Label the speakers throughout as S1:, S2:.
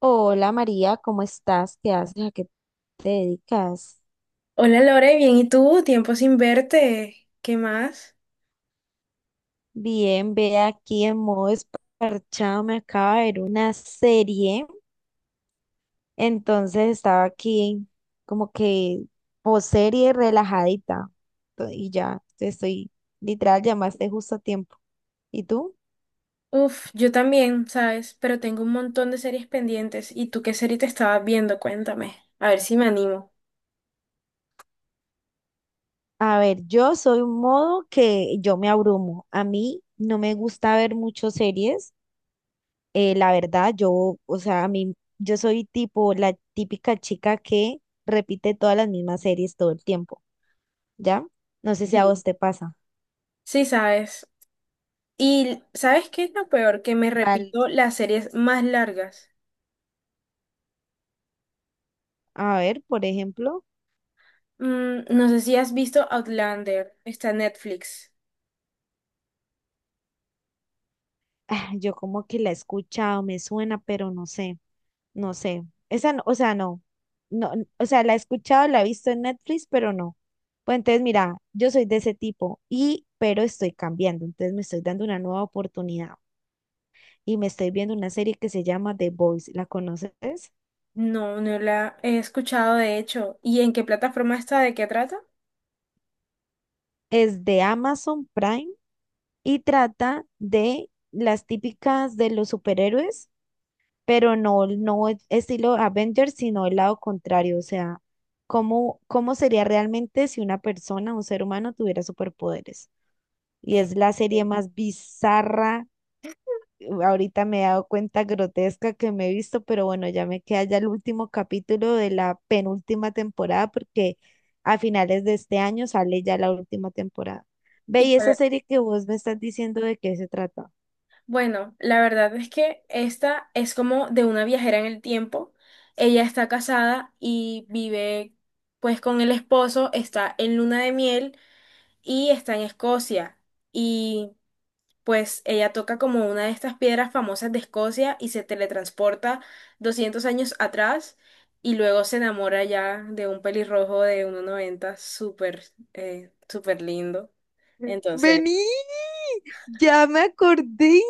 S1: Hola María, ¿cómo estás? ¿Qué haces? ¿A qué te dedicas?
S2: Hola Lore, bien, ¿y tú? Tiempo sin verte. ¿Qué más?
S1: Bien, ve aquí en modo esparchado, me acaba de ver una serie, entonces estaba aquí como que post serie relajadita y ya te estoy, literal, llamaste justo a tiempo. ¿Y tú?
S2: Uf, yo también, ¿sabes? Pero tengo un montón de series pendientes. ¿Y tú qué serie te estabas viendo? Cuéntame. A ver si me animo.
S1: A ver, yo soy un modo que yo me abrumo. A mí no me gusta ver muchas series. La verdad, yo, o sea, a mí, yo soy tipo la típica chica que repite todas las mismas series todo el tiempo, ¿ya? No sé si a
S2: Sí.
S1: vos te pasa.
S2: Sí, ¿sabes? ¿Y sabes qué es lo peor? Que me
S1: Val,
S2: repito las series más largas.
S1: a ver, por ejemplo,
S2: Mm, no sé si has visto Outlander. Está en Netflix.
S1: ah, yo como que la he escuchado, me suena, pero no sé, no sé. Esa, o sea, no, no, o sea, la he escuchado, la he visto en Netflix, pero no. Pues entonces, mira, yo soy de ese tipo y, pero estoy cambiando, entonces me estoy dando una nueva oportunidad y me estoy viendo una serie que se llama The Boys, ¿la conoces?
S2: No, no la he escuchado, de hecho. ¿Y en qué plataforma está? ¿De qué trata?
S1: Es de Amazon Prime y trata de las típicas de los superhéroes, pero no, estilo Avengers, sino el lado contrario, o sea, cómo sería realmente si una persona, un ser humano, tuviera superpoderes. Y
S2: Eh,
S1: es la serie
S2: eh,
S1: más bizarra ahorita me he dado cuenta grotesca que me he visto, pero bueno, ya me queda ya el último capítulo de la penúltima temporada porque a finales de este año sale ya la última temporada. Ve, y esa
S2: sí.
S1: serie que vos me estás diciendo de qué se trata.
S2: Bueno, la verdad es que esta es como de una viajera en el tiempo. Ella está casada y vive pues con el esposo, está en luna de miel y está en Escocia. Y pues ella toca como una de estas piedras famosas de Escocia y se teletransporta 200 años atrás y luego se enamora ya de un pelirrojo de 1,90 súper, súper lindo. Entonces,
S1: Vení, ya me acordé,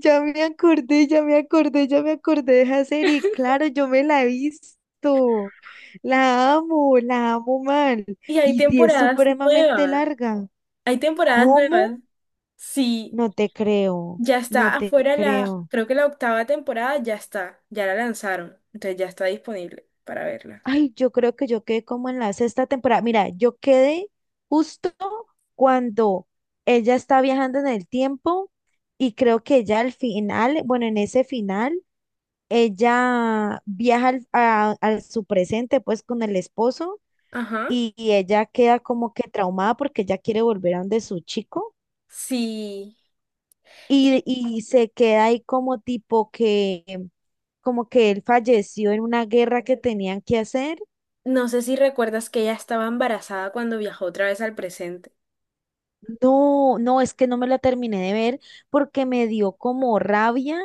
S1: ya me acordé, ya me acordé, ya me acordé de esa serie. Claro, yo me la he visto. La amo mal.
S2: y hay
S1: Y si es
S2: temporadas
S1: supremamente
S2: nuevas,
S1: larga,
S2: hay temporadas
S1: ¿cómo?
S2: nuevas. Sí,
S1: No te creo,
S2: ya
S1: no
S2: está
S1: te
S2: afuera la,
S1: creo.
S2: creo que la octava temporada ya está, ya la lanzaron, entonces ya está disponible para verla.
S1: Ay, yo creo que yo quedé como en la sexta temporada. Mira, yo quedé justo cuando ella está viajando en el tiempo y creo que ella al final, bueno, en ese final, ella viaja a su presente pues con el esposo
S2: Ajá,
S1: y ella queda como que traumada porque ella quiere volver a donde su chico
S2: sí. Y
S1: y se queda ahí como tipo que... Como que él falleció en una guerra que tenían que hacer.
S2: no sé si recuerdas que ella estaba embarazada cuando viajó otra vez al presente.
S1: No, no, es que no me la terminé de ver porque me dio como rabia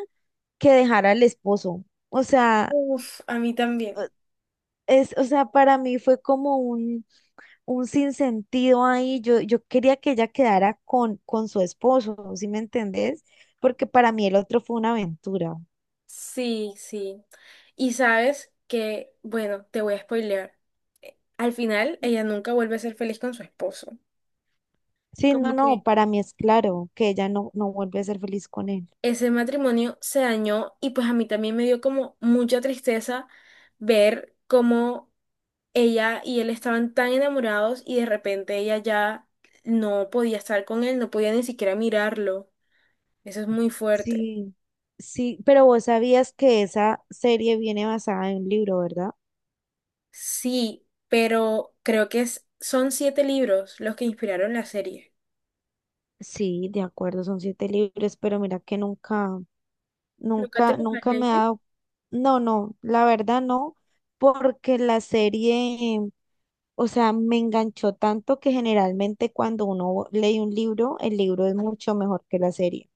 S1: que dejara al esposo. O sea,
S2: Uf, a mí también.
S1: eh, es, o sea, para mí fue como un sinsentido ahí. Yo quería que ella quedara con su esposo, ¿sí me entendés? Porque para mí el otro fue una aventura.
S2: Sí, sí. Y sabes que, bueno, te voy a spoilear. Al final, ella nunca vuelve a ser feliz con su esposo.
S1: Sí, no,
S2: Como
S1: no,
S2: que
S1: para mí es claro que ella no, no vuelve a ser feliz con él.
S2: ese matrimonio se dañó y pues a mí también me dio como mucha tristeza ver cómo ella y él estaban tan enamorados y de repente ella ya no podía estar con él, no podía ni siquiera mirarlo. Eso es muy fuerte.
S1: Sí, sí, pero vos sabías que esa serie viene basada en un libro, ¿verdad?
S2: Sí, pero creo que son siete libros los que inspiraron la serie.
S1: Sí, de acuerdo, son siete libros, pero mira que nunca,
S2: ¿Nunca te
S1: nunca,
S2: los has
S1: nunca me ha
S2: leído?
S1: dado, no, no, la verdad no, porque la serie, o sea, me enganchó tanto que generalmente cuando uno lee un libro, el libro es mucho mejor que la serie,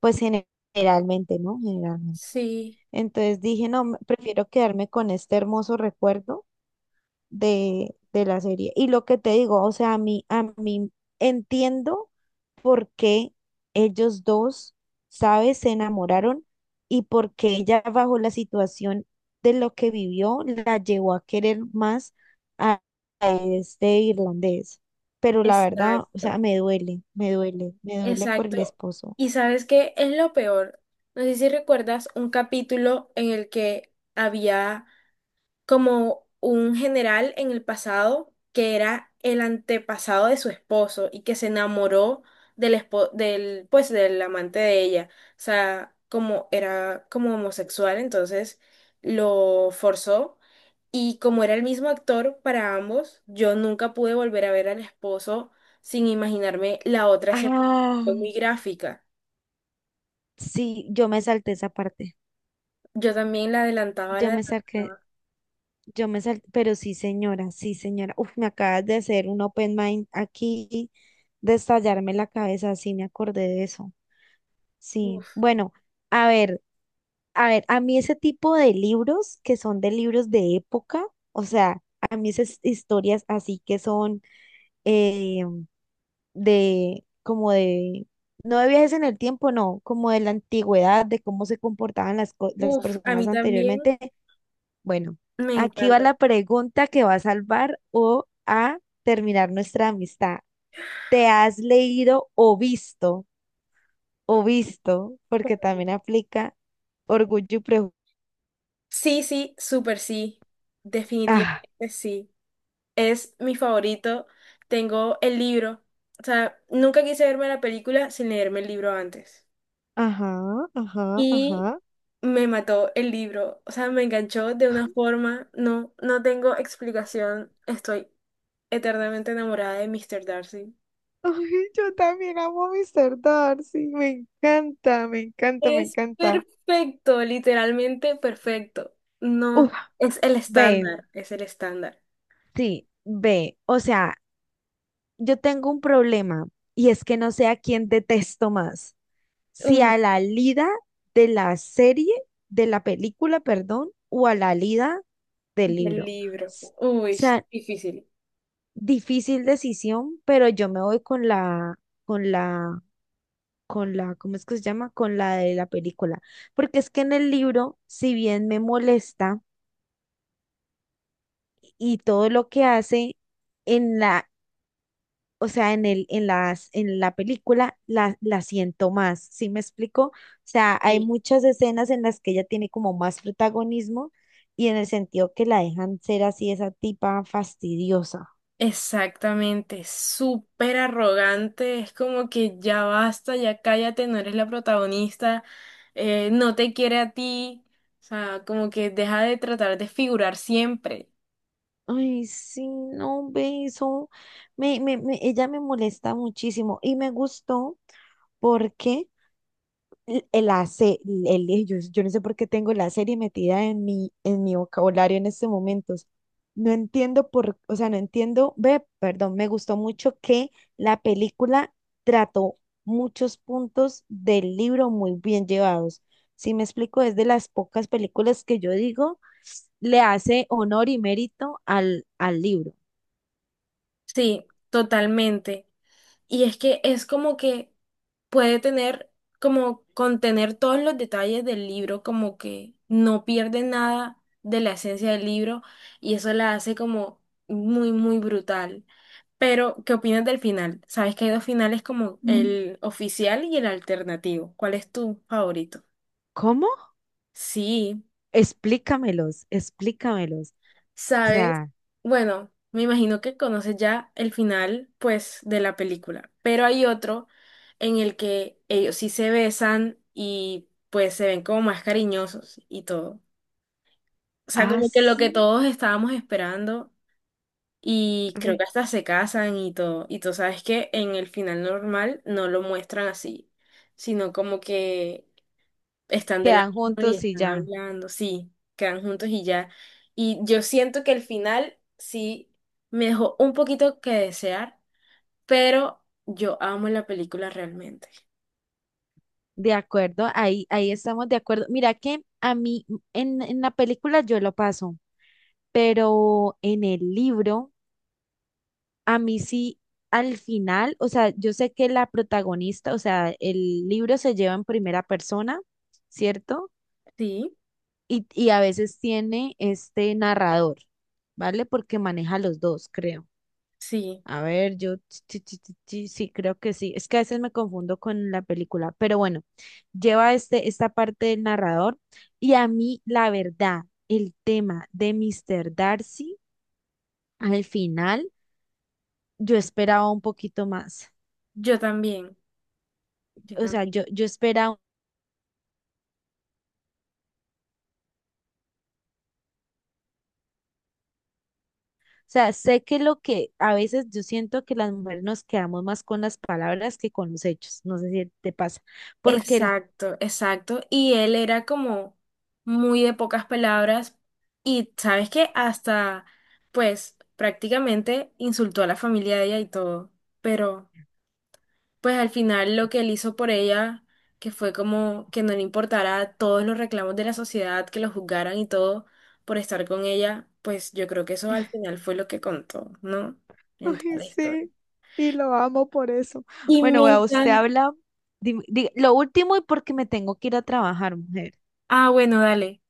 S1: pues gene- generalmente, ¿no? Generalmente.
S2: Sí,
S1: Entonces dije, no, prefiero quedarme con este hermoso recuerdo de la serie. Y lo que te digo, o sea, a mí entiendo por qué ellos dos, ¿sabes?, se enamoraron y por qué ella bajo la situación de lo que vivió la llevó a querer más a este irlandés. Pero la verdad, o sea,
S2: exacto.
S1: me duele, me duele, me duele por el
S2: Exacto.
S1: esposo.
S2: Y sabes qué es lo peor. No sé si recuerdas un capítulo en el que había como un general en el pasado que era el antepasado de su esposo y que se enamoró del pues del amante de ella. O sea, como era como homosexual, entonces lo forzó y como era el mismo actor para ambos, yo nunca pude volver a ver al esposo sin imaginarme la otra escena que
S1: Ah,
S2: fue muy gráfica.
S1: sí, yo me salté esa parte.
S2: Yo también la adelantaba, la
S1: Yo me salté
S2: adelantaba.
S1: Yo me salté, pero sí, señora, sí, señora. Uf, me acabas de hacer un open mind aquí, de estallarme la cabeza, sí, me acordé de eso. Sí,
S2: Uf,
S1: bueno, a ver, a ver, a mí ese tipo de libros que son de libros de época, o sea, a mí esas historias así que son eh, de, como de, no de viajes en el tiempo, no, como de la antigüedad, de cómo se comportaban las, las
S2: uf, a
S1: personas
S2: mí también
S1: anteriormente, bueno,
S2: me
S1: aquí va
S2: encanta.
S1: la pregunta que va a salvar o a terminar nuestra amistad. ¿Te has leído o visto, porque también aplica orgullo y prejuicio?
S2: Sí, sí, súper sí.
S1: Ah,
S2: Definitivamente sí. Es mi favorito. Tengo el libro. O sea, nunca quise verme la película sin leerme el libro antes.
S1: ajá, ajá,
S2: Y
S1: ajá.
S2: me mató el libro. O sea, me enganchó de una forma. No, no tengo explicación. Estoy eternamente enamorada de Mr. Darcy.
S1: Ay, yo también amo a Mr. Darcy, me encanta, me encanta, me
S2: Es
S1: encanta.
S2: perfecto, literalmente perfecto. No,
S1: Uf,
S2: es el
S1: ve,
S2: estándar, es el estándar.
S1: sí, ve, o sea, yo tengo un problema y es que no sé a quién detesto más. Si a
S2: Uy,
S1: la Lida de la serie, de la película, perdón, o a la Lida del
S2: del
S1: libro.
S2: libro.
S1: O
S2: Uy,
S1: sea,
S2: difícil.
S1: difícil decisión, pero yo me voy con la, con la, con la, ¿cómo es que se llama? Con la de la película. Porque es que en el libro, si bien me molesta y todo lo que hace, en la, o sea, en el, en las, en la película la, la siento más, ¿sí me explico? O sea, hay
S2: Sí,
S1: muchas escenas en las que ella tiene como más protagonismo y en el sentido que la dejan ser así esa tipa fastidiosa.
S2: exactamente, súper arrogante, es como que ya basta, ya cállate, no eres la protagonista, no te quiere a ti, o sea, como que deja de tratar de figurar siempre.
S1: Ay, sí, no, ve eso. Ella me molesta muchísimo y me gustó porque l- la se- yo, yo no sé por qué tengo la serie metida en mi vocabulario en estos momentos. No entiendo por, o sea, no entiendo, ve, perdón, me gustó mucho que la película trató muchos puntos del libro muy bien llevados. Si me explico, es de las pocas películas que yo digo le hace honor y mérito al, al libro.
S2: Sí, totalmente. Y es que es como que puede tener, como contener todos los detalles del libro, como que no pierde nada de la esencia del libro y eso la hace como muy, muy brutal. Pero, ¿qué opinas del final? Sabes que hay dos finales como Mm. el oficial y el alternativo. ¿Cuál es tu favorito?
S1: ¿Cómo?
S2: Sí,
S1: Explícamelos, explícamelos. O
S2: sabes.
S1: sea,
S2: Bueno, me imagino que conoces ya el final, pues, de la película. Pero hay otro en el que ellos sí se besan y pues se ven como más cariñosos y todo. O sea, como que lo
S1: así
S2: que todos estábamos esperando. Y creo que hasta se casan y todo. Y tú sabes que en el final normal no lo muestran así, sino como que están de la
S1: quedan
S2: mano y
S1: juntos y
S2: están
S1: ya.
S2: hablando, sí, quedan juntos y ya. Y yo siento que el final sí me dejó un poquito que desear, pero yo amo la película realmente.
S1: De acuerdo, ahí, ahí estamos de acuerdo. Mira que a mí en la película yo lo paso. Pero en el libro, a mí sí, al final, o sea, yo sé que la protagonista, o sea, el libro se lleva en primera persona, ¿cierto?
S2: Sí,
S1: Y a veces tiene este narrador, ¿vale? Porque maneja los dos, creo.
S2: sí,
S1: A ver, yo sí, sí, sí, sí, sí, creo que sí. Es que a veces me confundo con la película, pero bueno, lleva este, esta parte del narrador y a mí, la verdad, el tema de Mr. Darcy al final. Yo esperaba un poquito más.
S2: yo también, yo
S1: O sea,
S2: también.
S1: yo esperaba, o sea, sé que lo que a veces yo siento que las mujeres nos quedamos más con las palabras que con los hechos. No sé si te pasa, porque el,
S2: Exacto, exacto. Y él era como muy de pocas palabras y sabes que hasta, pues prácticamente insultó a la familia de ella y todo. Pero pues al final lo que él hizo por ella, que fue como que no le importara todos los reclamos de la sociedad, que lo juzgaran y todo por estar con ella, pues yo creo que eso al final fue lo que contó, ¿no? En toda
S1: ay,
S2: la historia.
S1: sí, y lo amo por eso.
S2: Y
S1: Bueno,
S2: me
S1: vea, usted
S2: encanta.
S1: habla, lo último y porque me tengo que ir a trabajar, mujer.
S2: Ah, bueno, dale.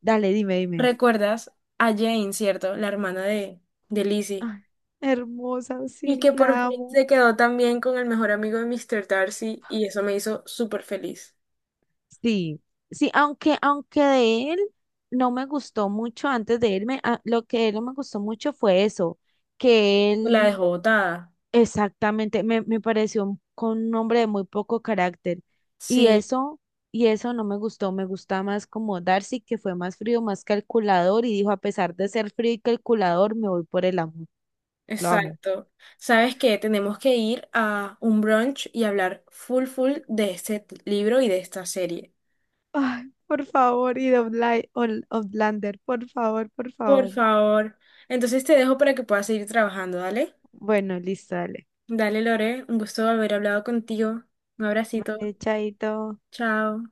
S1: Dale, dime, dime.
S2: ¿Recuerdas a Jane, cierto? La hermana de Lizzie.
S1: Ay, hermosa,
S2: Y
S1: sí,
S2: que por
S1: la
S2: fin
S1: amo.
S2: se quedó también con el mejor amigo de Mr. Darcy y eso me hizo súper feliz.
S1: Sí, sí, aunque, aunque de él no me gustó mucho antes de irme, lo que de él no me gustó mucho fue eso, que
S2: La
S1: él
S2: dejó botada.
S1: exactamente me, me pareció con un hombre de muy poco carácter. Y
S2: Sí,
S1: eso, y eso no me gustó, me gusta más como Darcy, que fue más frío, más calculador, y dijo, a pesar de ser frío y calculador, me voy por el amor, lo amo.
S2: exacto. ¿Sabes qué? Tenemos que ir a un brunch y hablar full full de libro y de esta serie.
S1: Ay, por favor, y de Outlander, por favor, por
S2: Por
S1: favor.
S2: favor. Entonces te dejo para que puedas seguir trabajando, ¿dale?
S1: Bueno, listo, dale.
S2: Dale, Lore. Un gusto haber hablado contigo. Un abracito.
S1: Vale, chaito.
S2: Chao.